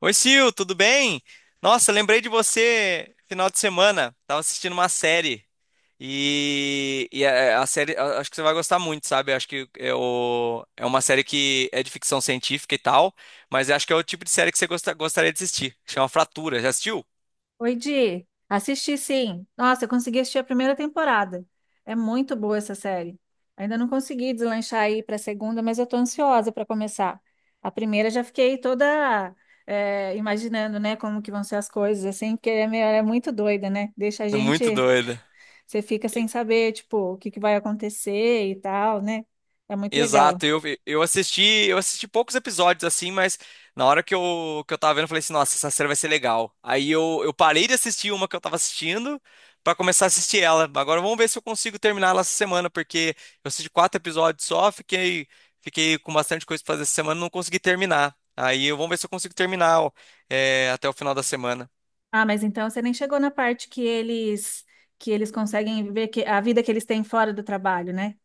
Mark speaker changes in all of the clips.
Speaker 1: Oi, Sil, tudo bem? Nossa, lembrei de você final de semana. Tava assistindo uma série. E a série, acho que você vai gostar muito, sabe? Acho que é uma série que é de ficção científica e tal, mas acho que é o tipo de série que você gostaria de assistir. Chama Fratura, já assistiu?
Speaker 2: Oi, Di. Assisti sim. Nossa, eu consegui assistir a primeira temporada. É muito boa essa série. Ainda não consegui deslanchar aí para a segunda, mas eu tô ansiosa para começar. A primeira já fiquei toda imaginando, né, como que vão ser as coisas, assim, porque é muito doida, né?
Speaker 1: Muito doida.
Speaker 2: Você fica sem saber, tipo, o que que vai acontecer e tal, né? É muito legal.
Speaker 1: Exato, eu assisti poucos episódios assim, mas na hora que eu tava vendo, eu falei assim, nossa, essa série vai ser legal. Aí eu parei de assistir uma que eu tava assistindo pra começar a assistir ela. Agora vamos ver se eu consigo terminar ela essa semana, porque eu assisti quatro episódios só, fiquei com bastante coisa pra fazer essa semana, e não consegui terminar. Vamos ver se eu consigo terminar, ó, até o final da semana.
Speaker 2: Ah, mas então você nem chegou na parte que eles conseguem viver a vida que eles têm fora do trabalho, né?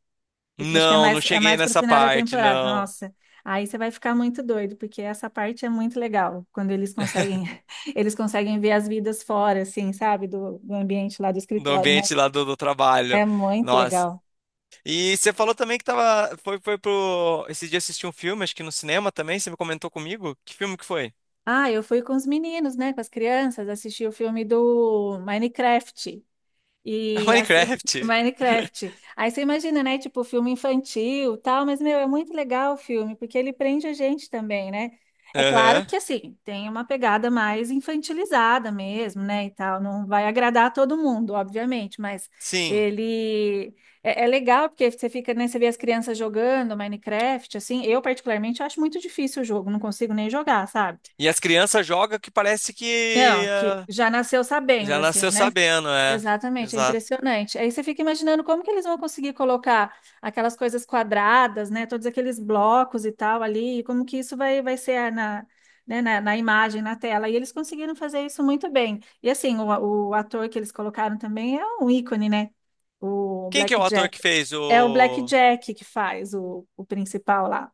Speaker 2: Porque acho que é
Speaker 1: Não, não
Speaker 2: mais, é
Speaker 1: cheguei
Speaker 2: mais pro
Speaker 1: nessa
Speaker 2: final da
Speaker 1: parte,
Speaker 2: temporada.
Speaker 1: não.
Speaker 2: Nossa, aí você vai ficar muito doido, porque essa parte é muito legal, quando eles conseguem, eles conseguem ver as vidas fora, assim, sabe, do ambiente lá do
Speaker 1: No
Speaker 2: escritório, né?
Speaker 1: ambiente lá do trabalho.
Speaker 2: É muito
Speaker 1: Nossa.
Speaker 2: legal.
Speaker 1: E você falou também que tava, foi, foi pro, esse dia assistir um filme, acho que no cinema também, você me comentou comigo. Que filme que foi?
Speaker 2: Ah, eu fui com os meninos, né, com as crianças, assisti o filme do Minecraft. E assim,
Speaker 1: Minecraft.
Speaker 2: Minecraft. Aí você imagina, né? Tipo, filme infantil, tal, mas meu, é muito legal o filme, porque ele prende a gente também, né? É claro
Speaker 1: Aham.
Speaker 2: que assim, tem uma pegada mais infantilizada mesmo, né? E tal, não vai agradar a todo mundo, obviamente, mas
Speaker 1: Sim.
Speaker 2: ele é legal porque você fica, né? Você vê as crianças jogando Minecraft, assim. Eu, particularmente, acho muito difícil o jogo, não consigo nem jogar, sabe?
Speaker 1: E as crianças jogam que parece que
Speaker 2: Não, que já nasceu sabendo,
Speaker 1: já
Speaker 2: assim,
Speaker 1: nasceu
Speaker 2: né?
Speaker 1: sabendo, é.
Speaker 2: Exatamente, é
Speaker 1: Exato.
Speaker 2: impressionante. Aí você fica imaginando como que eles vão conseguir colocar aquelas coisas quadradas, né? Todos aqueles blocos e tal ali, e como que isso vai ser na, né, na imagem, na tela. E eles conseguiram fazer isso muito bem. E assim, o ator que eles colocaram também é um ícone, né? O
Speaker 1: Quem que é
Speaker 2: Black
Speaker 1: o ator que
Speaker 2: Jack.
Speaker 1: fez
Speaker 2: É o Black
Speaker 1: o
Speaker 2: Jack que faz o principal lá.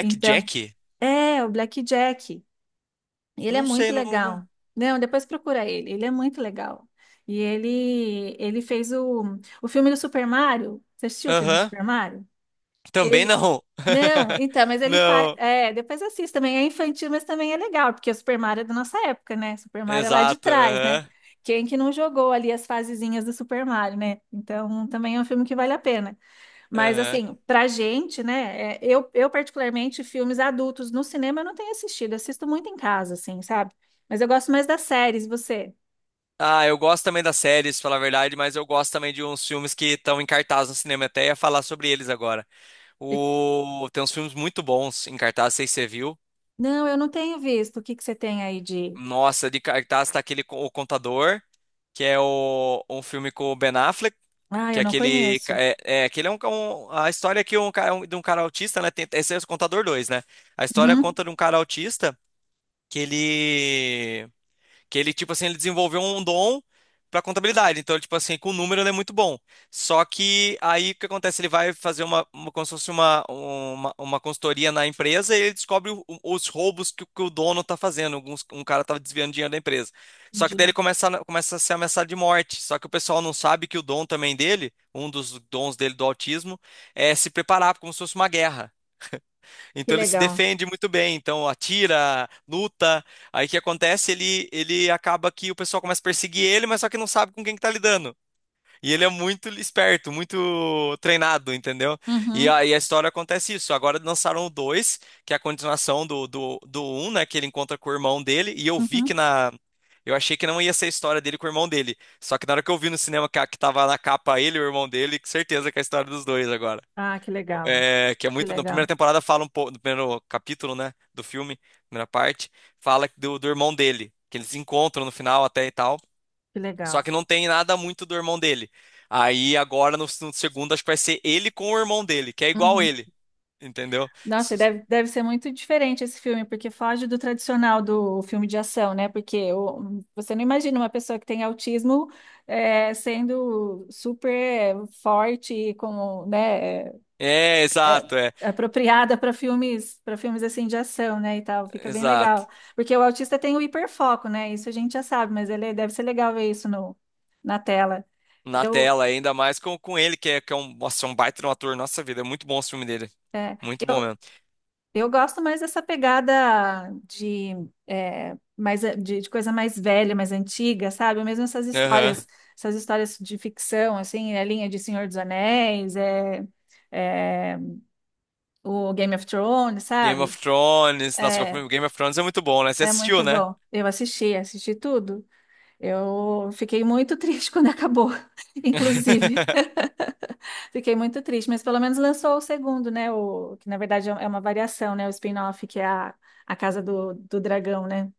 Speaker 2: Então, é o Black Jack. Ele é
Speaker 1: Não
Speaker 2: muito
Speaker 1: sei, não.
Speaker 2: legal. Não, depois procura ele. Ele é muito legal. E ele fez o filme do Super Mario. Você assistiu o filme do
Speaker 1: Aham.
Speaker 2: Super Mario?
Speaker 1: Também
Speaker 2: Ele
Speaker 1: não.
Speaker 2: Não, então, mas ele faz,
Speaker 1: Não.
Speaker 2: é, depois assiste também. É infantil, mas também é legal, porque o Super Mario é da nossa época, né? Super Mario é lá de
Speaker 1: Exato.
Speaker 2: trás, né?
Speaker 1: Aham.
Speaker 2: Quem que não jogou ali as fasezinhas do Super Mario, né? Então, também é um filme que vale a pena. Mas
Speaker 1: Aham.
Speaker 2: assim, pra gente, né? Eu particularmente, filmes adultos no cinema eu não tenho assistido, assisto muito em casa, assim, sabe? Mas eu gosto mais das séries, e você?
Speaker 1: Ah, eu gosto também das séries, falar a verdade, mas eu gosto também de uns filmes que estão em cartaz no cinema. Até ia falar sobre eles agora.
Speaker 2: E-
Speaker 1: Tem uns filmes muito bons em cartaz, não sei se você viu.
Speaker 2: Não, eu não tenho visto. O que que você tem aí de.
Speaker 1: Nossa, de cartaz tá O Contador, que é um filme com o Ben Affleck,
Speaker 2: Ah,
Speaker 1: que
Speaker 2: eu
Speaker 1: é
Speaker 2: não
Speaker 1: aquele. Ca-
Speaker 2: conheço.
Speaker 1: Aquele é a história que um, cara- um- de um cara autista, né? Esse é o Contador 2, né? A história
Speaker 2: Uhum,
Speaker 1: conta de um cara autista que ele. Tipo assim, ele desenvolveu um dom pra contabilidade. Então, ele, tipo assim, com o número ele é muito bom. Só que aí o que acontece? Ele vai fazer uma como se fosse uma consultoria na empresa e ele descobre os roubos o que o dono tá fazendo. Um cara tava desviando dinheiro da empresa. Só que daí ele
Speaker 2: entendi.
Speaker 1: começa a ser ameaçado de morte. Só que o pessoal não sabe que o dom também dele, um dos dons dele do autismo, é se preparar como se fosse uma guerra.
Speaker 2: Que
Speaker 1: Então ele se
Speaker 2: legal.
Speaker 1: defende muito bem, então atira, luta. Aí o que acontece? Ele acaba que o pessoal começa a perseguir ele, mas só que não sabe com quem que tá lidando. E ele é muito esperto, muito treinado, entendeu? E
Speaker 2: Uhum,
Speaker 1: aí a história acontece isso. Agora lançaram o 2, que é a continuação do 1, né? Que ele encontra com o irmão dele. E eu vi que
Speaker 2: uhum.
Speaker 1: na. Eu achei que não ia ser a história dele com o irmão dele. Só que na hora que eu vi no cinema que tava na capa ele e o irmão dele, com certeza que é a história dos dois agora.
Speaker 2: Ah, que legal.
Speaker 1: É, que é
Speaker 2: Que
Speaker 1: muito. Na primeira
Speaker 2: legal.
Speaker 1: temporada fala um pouco, no primeiro capítulo, né, do filme, primeira parte, fala do irmão dele, que eles se encontram no final até e tal.
Speaker 2: Que
Speaker 1: Só
Speaker 2: legal.
Speaker 1: que não tem nada muito do irmão dele. Aí agora no segundo acho que vai ser ele com o irmão dele, que é igual
Speaker 2: Uhum.
Speaker 1: ele, entendeu?
Speaker 2: Nossa, e
Speaker 1: S-
Speaker 2: deve ser muito diferente esse filme, porque foge do tradicional do filme de ação, né? Você não imagina uma pessoa que tem autismo sendo super forte e com, né,
Speaker 1: É, exato,
Speaker 2: é,
Speaker 1: é,
Speaker 2: apropriada para filmes assim de ação, né, e tal. Fica bem
Speaker 1: exato.
Speaker 2: legal. Porque o autista tem o hiperfoco, né? Isso a gente já sabe, mas ele deve ser legal ver isso no, na tela.
Speaker 1: Na
Speaker 2: Eu,
Speaker 1: tela, ainda mais com ele, nossa, é um baita de um ator. Nossa vida, é muito bom o filme dele.
Speaker 2: é,
Speaker 1: Muito bom
Speaker 2: eu,
Speaker 1: mesmo.
Speaker 2: Eu gosto mais dessa pegada de, mais, de coisa mais velha, mais antiga, sabe? Mesmo
Speaker 1: Aham.
Speaker 2: essas histórias de ficção, assim, a linha de Senhor dos Anéis, é, o Game of Thrones,
Speaker 1: Game of
Speaker 2: sabe?
Speaker 1: Thrones, nossa,
Speaker 2: É,
Speaker 1: Game of Thrones é muito bom, né? Você
Speaker 2: é
Speaker 1: assistiu,
Speaker 2: muito
Speaker 1: né?
Speaker 2: bom. Eu assisti tudo. Eu fiquei muito triste quando acabou, inclusive. Fiquei muito triste, mas pelo menos lançou o segundo, né? Que na verdade é uma variação, né? O spin-off, que é a Casa do Dragão, né?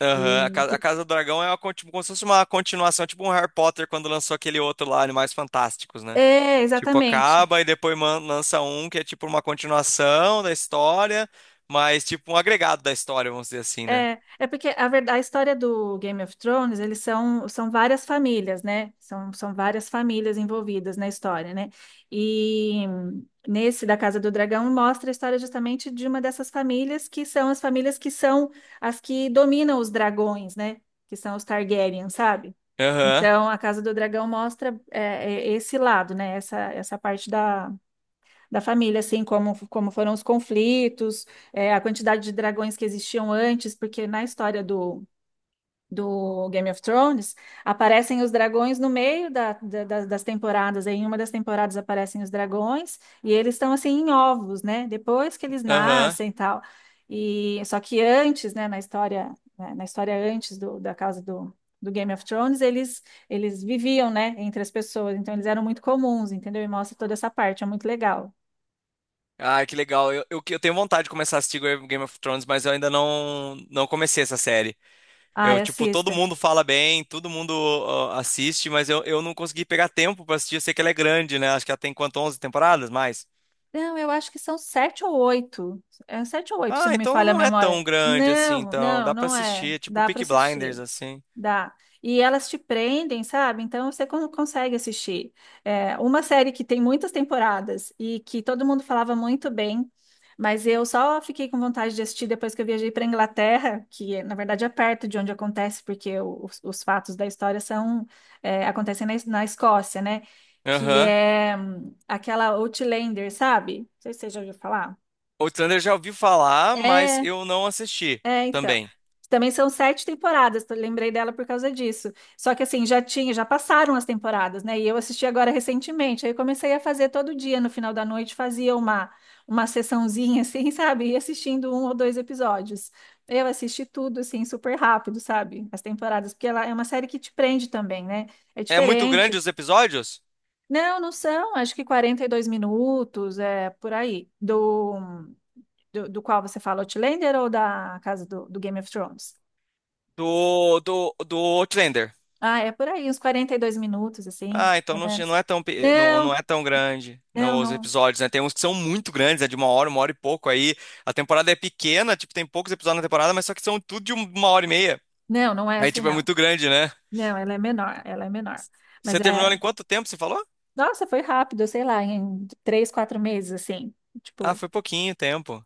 Speaker 1: Aham. A
Speaker 2: E
Speaker 1: Casa, a
Speaker 2: que-
Speaker 1: Casa do Dragão é uma, tipo, como se fosse uma continuação, tipo um Harry Potter quando lançou aquele outro lá, Animais Fantásticos, né?
Speaker 2: É,
Speaker 1: Tipo,
Speaker 2: exatamente.
Speaker 1: acaba e depois lança um que é tipo uma continuação da história, mas tipo um agregado da história, vamos dizer assim, né?
Speaker 2: É porque a verdade, a história do Game of Thrones, eles são várias famílias, né? São várias famílias envolvidas na história, né? E nesse da Casa do Dragão mostra a história justamente de uma dessas famílias que são as famílias que são as que dominam os dragões, né? Que são os Targaryen, sabe?
Speaker 1: Aham,
Speaker 2: Então, a Casa do Dragão mostra esse lado, né? Essa parte da família, assim, como, como foram os conflitos, a quantidade de dragões que existiam antes, porque na história do, Game of Thrones aparecem os dragões no meio das temporadas. Em uma das temporadas aparecem os dragões e eles estão assim em ovos, né? Depois que eles
Speaker 1: aham.
Speaker 2: nascem e tal. E só que antes, né, na história antes do, da causa do Game of Thrones, eles viviam, né, entre as pessoas, então eles eram muito comuns, entendeu? E mostra toda essa parte, é muito legal.
Speaker 1: Ah, que legal. Eu tenho vontade de começar a assistir Game of Thrones, mas eu ainda não comecei essa série.
Speaker 2: Ai,
Speaker 1: Eu, tipo, todo
Speaker 2: assista.
Speaker 1: mundo fala bem, todo mundo ó, assiste, mas eu não consegui pegar tempo pra assistir. Eu sei que ela é grande, né? Acho que ela tem quanto, 11 temporadas, mais?
Speaker 2: Não, eu acho que são sete ou oito. É sete ou oito, se
Speaker 1: Ah,
Speaker 2: não me
Speaker 1: então
Speaker 2: falha a
Speaker 1: não é tão
Speaker 2: memória.
Speaker 1: grande assim,
Speaker 2: Não,
Speaker 1: então
Speaker 2: não,
Speaker 1: dá pra
Speaker 2: não é.
Speaker 1: assistir. É tipo
Speaker 2: Dá para
Speaker 1: Peaky
Speaker 2: assistir.
Speaker 1: Blinders, assim.
Speaker 2: Dá. E elas te prendem, sabe? Então você consegue assistir. É, uma série que tem muitas temporadas e que todo mundo falava muito bem, mas eu só fiquei com vontade de assistir depois que eu viajei para Inglaterra, que na verdade é perto de onde acontece, porque os fatos da história são acontecem na Escócia, né? Que
Speaker 1: Aham.
Speaker 2: é aquela Outlander, sabe? Não sei se você já ouviu falar.
Speaker 1: Outlander eu já ouvi falar, mas
Speaker 2: É.
Speaker 1: eu não assisti
Speaker 2: É, então.
Speaker 1: também.
Speaker 2: Também são sete temporadas, eu lembrei dela por causa disso. Só que assim, já tinha, já passaram as temporadas, né? E eu assisti agora recentemente. Aí eu comecei a fazer todo dia, no final da noite, fazia uma sessãozinha, assim, sabe? E assistindo um ou dois episódios. Eu assisti tudo, assim, super rápido, sabe? As temporadas, porque ela é uma série que te prende também, né? É
Speaker 1: É muito grande
Speaker 2: diferente.
Speaker 1: os episódios
Speaker 2: Não, não são, acho que 42 minutos, é por aí. Do qual você fala, Outlander ou da casa do Game of Thrones?
Speaker 1: do Outlander.
Speaker 2: Ah, é por aí, uns 42 minutos, assim,
Speaker 1: Ah,
Speaker 2: pelo
Speaker 1: não
Speaker 2: menos.
Speaker 1: é tão, pe- não, não
Speaker 2: Não,
Speaker 1: é tão grande
Speaker 2: não,
Speaker 1: não, os
Speaker 2: não.
Speaker 1: episódios, né? Tem uns que são muito grandes, é de uma hora e pouco aí. A temporada é pequena, tipo, tem poucos episódios na temporada, mas só que são tudo de uma hora e meia.
Speaker 2: Não, não é
Speaker 1: Aí,
Speaker 2: assim,
Speaker 1: tipo, é
Speaker 2: não.
Speaker 1: muito grande, né?
Speaker 2: Não, ela é menor, ela é menor. Mas
Speaker 1: Você terminou
Speaker 2: é.
Speaker 1: ela em quanto tempo, você falou?
Speaker 2: Nossa, foi rápido, sei lá, em 3, 4 meses, assim.
Speaker 1: Ah,
Speaker 2: Tipo,
Speaker 1: foi pouquinho tempo.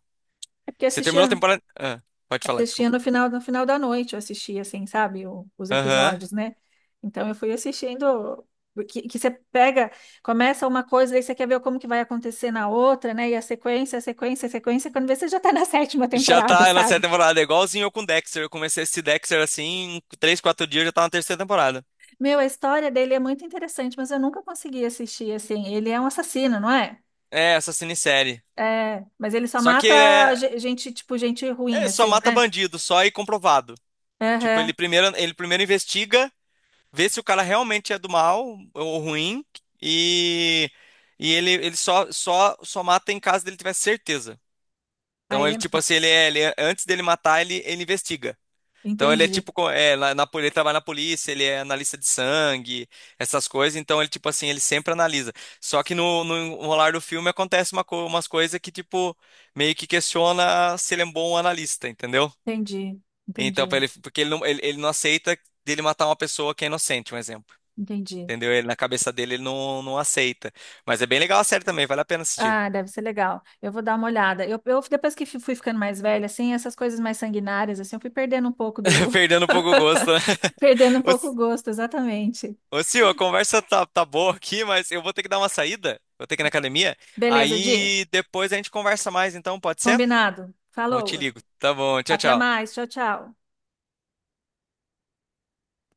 Speaker 2: é porque
Speaker 1: Você terminou a
Speaker 2: assistia,
Speaker 1: temporada. Ah, pode falar,
Speaker 2: assistia
Speaker 1: desculpa.
Speaker 2: no final da noite, eu assistia, assim, sabe, os
Speaker 1: Aham.
Speaker 2: episódios, né? Então eu fui assistindo. Que você pega, começa uma coisa, aí você quer ver como que vai acontecer na outra, né? E a sequência, a sequência, a sequência, quando vê, você já tá na sétima
Speaker 1: Já
Speaker 2: temporada,
Speaker 1: tá na sétima
Speaker 2: sabe?
Speaker 1: temporada, é igualzinho eu com Dexter. Eu comecei esse Dexter, assim, em 3, 4 dias, eu já tava na terceira temporada.
Speaker 2: Meu, a história dele é muito interessante, mas eu nunca consegui assistir assim. Ele é um assassino, não é?
Speaker 1: É, essa minissérie.
Speaker 2: É, mas ele só
Speaker 1: Só que ele
Speaker 2: mata
Speaker 1: é...
Speaker 2: gente, tipo, gente ruim,
Speaker 1: é só
Speaker 2: assim,
Speaker 1: mata
Speaker 2: né?
Speaker 1: bandido, só e comprovado. Tipo,
Speaker 2: Aham.
Speaker 1: ele primeiro investiga, vê se o cara realmente é do mal ou ruim, e, e ele só mata em caso dele tiver certeza.
Speaker 2: Aí
Speaker 1: Então
Speaker 2: ele.
Speaker 1: ele, tipo assim, antes dele matar, ele investiga. Então ele é
Speaker 2: Entendi,
Speaker 1: tipo, ele trabalha na polícia, ele é analista de sangue, essas coisas. Então ele, tipo assim, ele sempre analisa. Só que no enrolar do filme acontece umas coisas que, tipo, meio que questiona se ele é um bom analista, entendeu?
Speaker 2: entendi,
Speaker 1: Então,
Speaker 2: entendi,
Speaker 1: pra ele, porque ele não aceita dele matar uma pessoa que é inocente, um exemplo.
Speaker 2: entendi.
Speaker 1: Entendeu? Ele, na cabeça dele, ele não aceita. Mas é bem legal a série também, vale a pena assistir.
Speaker 2: Ah, deve ser legal. Eu vou dar uma olhada. Eu depois que fui ficando mais velha, assim, essas coisas mais sanguinárias, assim, eu fui perdendo um pouco do,
Speaker 1: Perdendo um pouco o gosto, né?
Speaker 2: perdendo um pouco o gosto, exatamente.
Speaker 1: Sil, a conversa tá boa aqui, mas eu vou ter que dar uma saída. Vou ter que ir na academia.
Speaker 2: Beleza, Di.
Speaker 1: Aí depois a gente conversa mais, então, pode ser?
Speaker 2: Combinado.
Speaker 1: Não te
Speaker 2: Falou.
Speaker 1: ligo. Tá bom, tchau,
Speaker 2: Até
Speaker 1: tchau.
Speaker 2: mais. Tchau, tchau.